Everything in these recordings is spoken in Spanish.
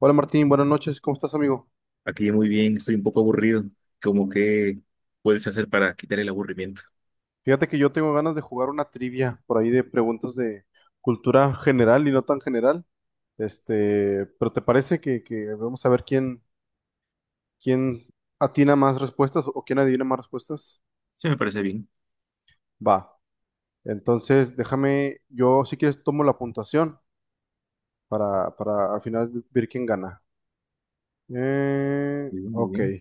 Hola Martín, buenas noches, ¿cómo estás amigo? Aquí muy bien, estoy un poco aburrido. Como que puedes hacer para quitar el aburrimiento? Fíjate que yo tengo ganas de jugar una trivia por ahí de preguntas de cultura general y no tan general. Este, pero ¿te parece que vamos a ver quién atina más respuestas o quién adivina más respuestas? Sí, me parece bien. Va. Entonces, déjame, yo si quieres tomo la puntuación para al final ver quién gana. Eh, Muy bien, muy ok. bien.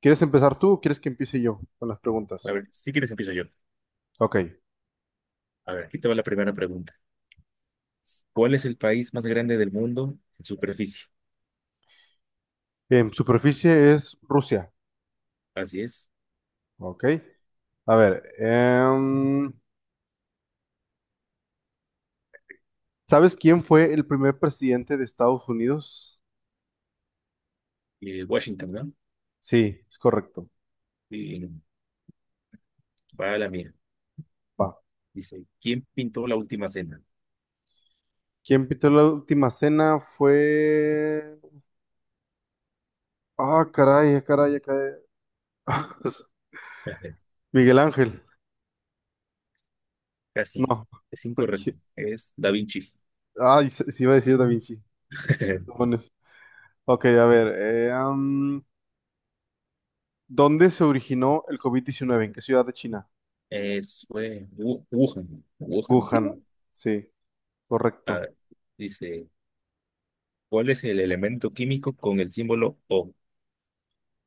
¿Quieres empezar tú o quieres que empiece yo con las A preguntas? ver, si quieres empiezo yo. Ok. A ver, aquí te va la primera pregunta. ¿Cuál es el país más grande del mundo en superficie? Superficie es Rusia. Así es. Ok. A ver, ¿sabes quién fue el primer presidente de Estados Unidos? Washington, ¿no? Sí, es correcto. Y va a la mía. Va. Dice, ¿quién pintó la última cena? ¿Quién pintó la última cena? Fue... Ah, caray. Miguel Ángel. Casi, No. es ¿Qui- incorrecto. Es Da Vinci. Ay, se iba a decir Da Vinci. Demonios. Ok, a ver. ¿Dónde se originó el COVID-19? ¿En qué ciudad de China? Es, fue Wuhan. Wuhan, sí, Wuhan. ¿no? Sí, A correcto. ver, dice, ¿cuál es el elemento químico con el símbolo O?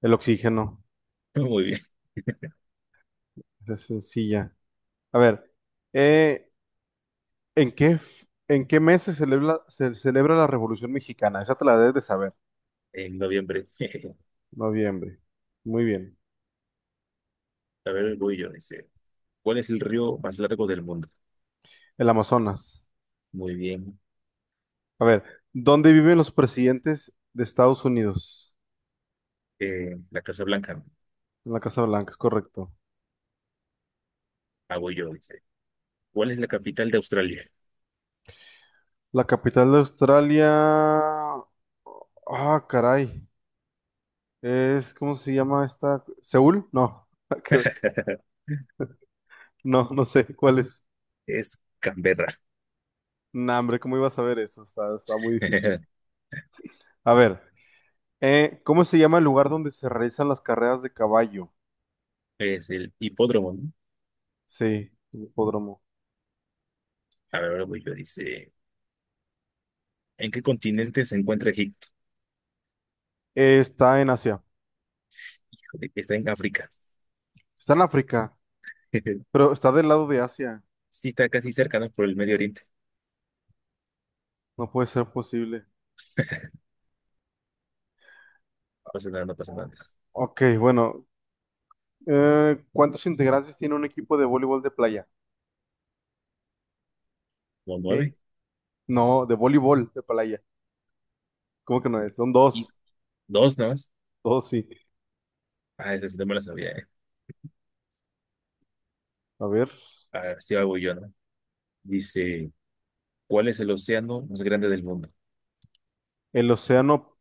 El oxígeno. Muy bien, Esa es sencilla. A ver. eh, ¿En qué, en qué mes se celebra la Revolución Mexicana? Esa te la debes de saber. en noviembre. Noviembre. Muy bien. A ver, voy yo, dice. ¿Cuál es el río más largo del mundo? El Amazonas. Muy bien. A ver, ¿dónde viven los presidentes de Estados Unidos? La Casa Blanca. En la Casa Blanca, es correcto. Ah, yo, dice. ¿Cuál es la capital de Australia? La capital de Australia. Ah, caray. Es, ¿cómo se llama esta? ¿Seúl? No. que- No, no sé cuál es. Es Canberra. Nah, hombre, ¿cómo iba a saber eso? Está muy difícil. A ver, ¿cómo se llama el lugar donde se realizan las carreras de caballo? Es el hipódromo, ¿no? Sí, el hipódromo. A ver, voy yo, dice. ¿En qué continente se encuentra Egipto? Está en Asia. Híjole, está en África. Está en África, pero está del lado de Asia. Sí, está casi cerca, ¿no? Por el Medio Oriente. No puede ser posible. No pasa nada, no pasa nada. Ok, bueno. ¿Cuántos integrantes tiene un equipo de voleibol de playa? Como ¿Eh? nueve No, de voleibol de playa. ¿Cómo que no es? Son y dos. dos nomás. Dos, sí. Ah, esa sí no me la sabía, ¿eh? A ver. A ver, sí, ahí voy yo, ¿no? Dice, ¿cuál es el océano más grande del mundo? El Océano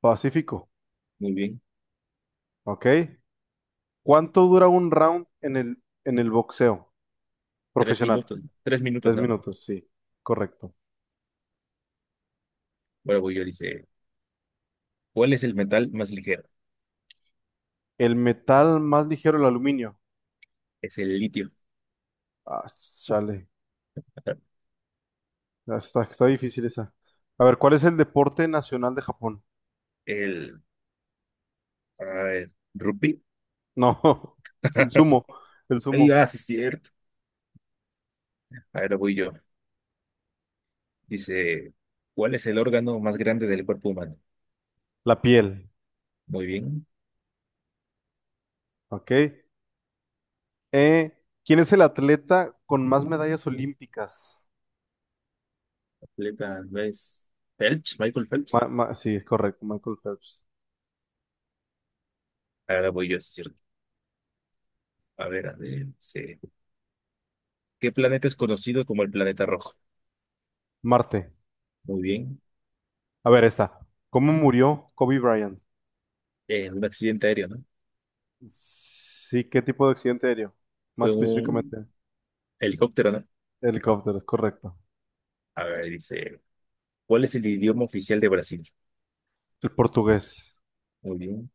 Pacífico. Muy bien. Ok. ¿Cuánto dura un round en el boxeo Tres profesional? minutos, tres minutos, 10 ¿no? minutos, sí. Correcto. Bueno, voy yo, dice, ¿cuál es el metal más ligero? El metal más ligero, el aluminio. Es el litio. Ah, chale. Ah, está difícil esa. A ver, ¿cuál es el deporte nacional de Japón? El, a ver, rupí. No, es el sumo, el Ay, sumo, ah, sí, es cierto. Ahora voy yo. Dice, ¿cuál es el órgano más grande del cuerpo humano? la piel, Muy bien. ¿ok? ¿Quién es el atleta con más medallas olímpicas? Atleta, ¿ves? Phelps, Michael Phelps. Sí, es correcto, Michael Phelps. Ahora voy yo, sí es cierto. A ver, a ver, dice, ¿qué planeta es conocido como el planeta rojo? Marte. Muy bien. A ver, esta. ¿Cómo murió Kobe Bryant? Un accidente aéreo, ¿no? Sí, ¿qué tipo de accidente aéreo? Más Fue un, específicamente, helicóptero, ¿no? helicóptero, es correcto. A ver, dice, ¿cuál es el idioma oficial de Brasil? El portugués. Muy bien.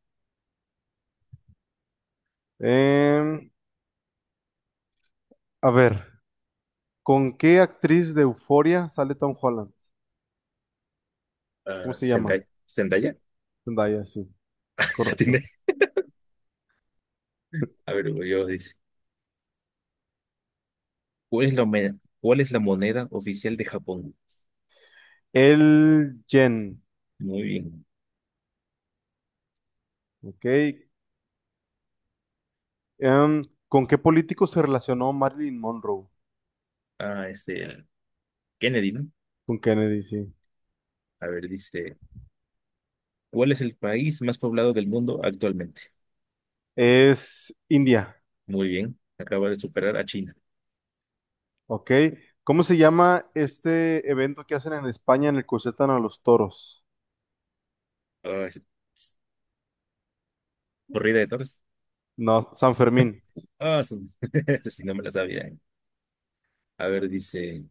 Em, a ver, ¿con qué actriz de Euforia sale Tom Holland? ¿Cómo Ah, se llama? Zendaya. ¿Zendaya? Zendaya, sí. Es La correcto. tiene. A ver, güey, yo dice, ¿cuál es la moneda oficial de Japón? El Jen. Muy bien. Ok. Em, ¿Con qué político se relacionó Marilyn Monroe? Ah, este, Kennedy, ¿no? Con Kennedy, sí. A ver, dice, ¿cuál es el país más poblado del mundo actualmente? Es India. Muy bien. Acaba de superar a China. Ok. ¿Cómo se llama este evento que hacen en España en el que sueltan a los toros? Ah, es- Corrida de toros. No, San Fermín. Ah, sí. Sí no me la sabía, ¿eh? A ver, dice,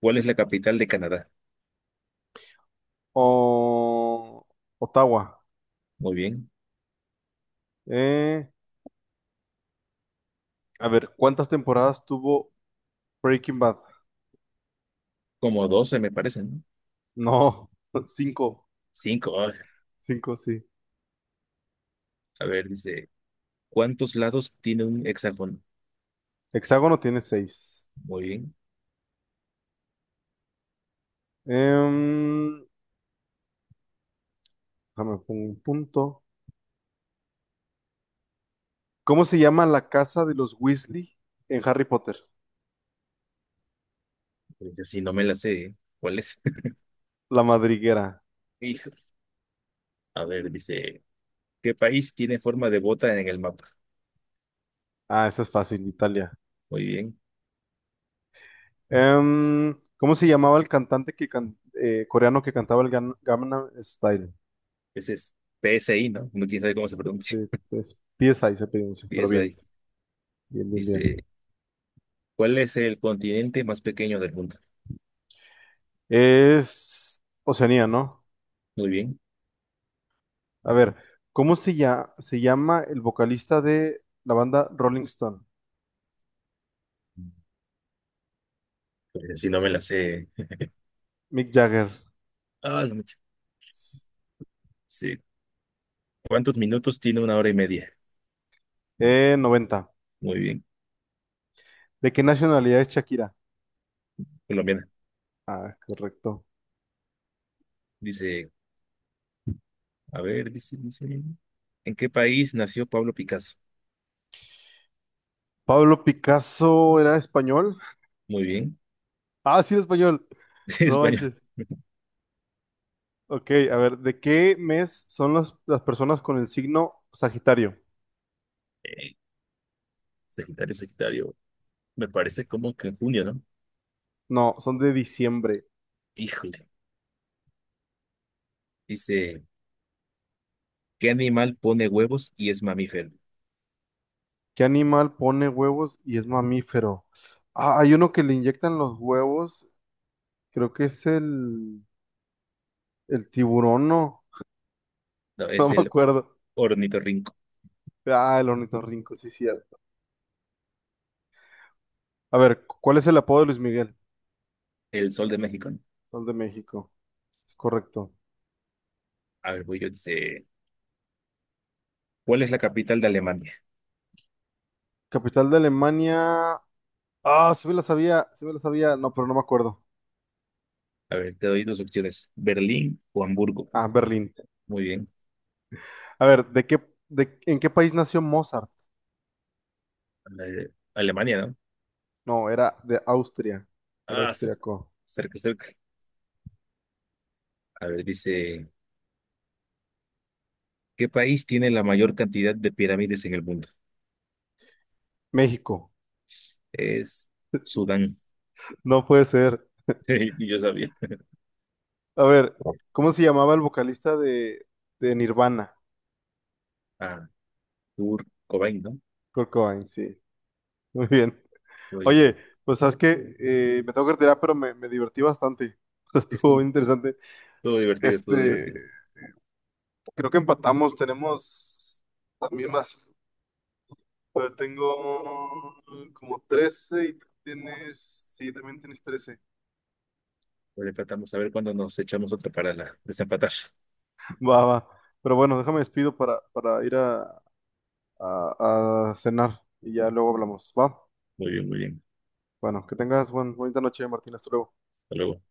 ¿cuál es la capital de Canadá? O Ottawa. Muy bien. Eh, a ver, ¿cuántas temporadas tuvo Breaking Bad? Como 12 me parece, ¿no? No, cinco. Cinco, ah. Cinco, sí. A ver, dice, ¿cuántos lados tiene un hexágono? Hexágono tiene seis. Muy bien. Em, déjame pongo un punto. ¿Cómo se llama la casa de los Weasley en Harry Potter? Pues así no me la sé, ¿eh? ¿Cuál es? La Madriguera. Hijo. A ver, dice, ¿qué país tiene forma de bota en el mapa? Ah, esa es fácil, Italia. Muy bien. ¿Cómo se llamaba el cantante que coreano que cantaba el Gangnam Style? Ese es PSI, ¿no? No quién sabe cómo se pronuncia. Sí, es PSI se pronuncia, pero PSI. bien, bien, bien, Dice, bien. ¿cuál es el continente más pequeño del mundo? Es Oceanía, ¿no? Muy bien. A ver, ¿se llama el vocalista de la banda Rolling Stone? Pues así no me la sé. Mick Jagger. Ah, la mecha. Dice, ¿cuántos minutos tiene una hora y media? 90. Muy bien. ¿De qué nacionalidad es Shakira? Colombiana. Ah, correcto. Dice, a ver, dice, ¿en qué país nació Pablo Picasso? Pablo Picasso era español. Muy bien. Ah, sí, era español. Sí, No español. manches. Ok, a ver, ¿de qué mes son las personas con el signo Sagitario? Eh, Sagitario. Me parece como que en junio, ¿no? No, son de diciembre. Híjole. Dice, ¿qué animal pone huevos y es mamífero? ¿Qué animal pone huevos y es mamífero? Ah, hay uno que le inyectan los huevos. Creo que es el tiburón, ¿no? No, No es me el acuerdo. ornitorrinco. Ah, el ornitorrinco, sí, cierto. A ver, ¿cuál es el apodo de Luis Miguel? El sol de México, ¿no? Son de México. Es correcto. A ver, voy yo. Dice, ¿cuál es la capital de Alemania? Capital de Alemania. Ah, sí me la sabía, no, pero no me acuerdo. A ver, te doy dos opciones, Berlín o Hamburgo. Ah, Berlín. Muy bien. A ver, ¿en qué país nació Mozart? Alemania, ¿no? No, era de Austria, era Ah, sí, austriaco. cerca, cerca. A ver, dice, ¿qué país tiene la mayor cantidad de pirámides en el mundo? México, Es Sudán. no puede ser. Yo sabía. A ver, ¿cómo se llamaba el vocalista de Nirvana? Ah, Kurt Cobain, ¿no? Kurt Cobain, sí, muy bien. Oye, Muy, pues sabes que me tengo que retirar, pero me divertí bastante. sí, Estuvo estuvo, interesante. estuvo divertido, estuvo Este, divertido. creo que empatamos, tenemos las mismas. Pero tengo como 13 y tú tienes... Sí, también tienes 13. Lo tratamos a ver cuándo nos echamos otra para desempatar. Va, va. Pero bueno, déjame despido para ir a cenar y ya luego hablamos. Va. Muy bien, muy bien. Bueno, que tengas buen, bonita noche, Martín. Hasta luego. Hasta luego.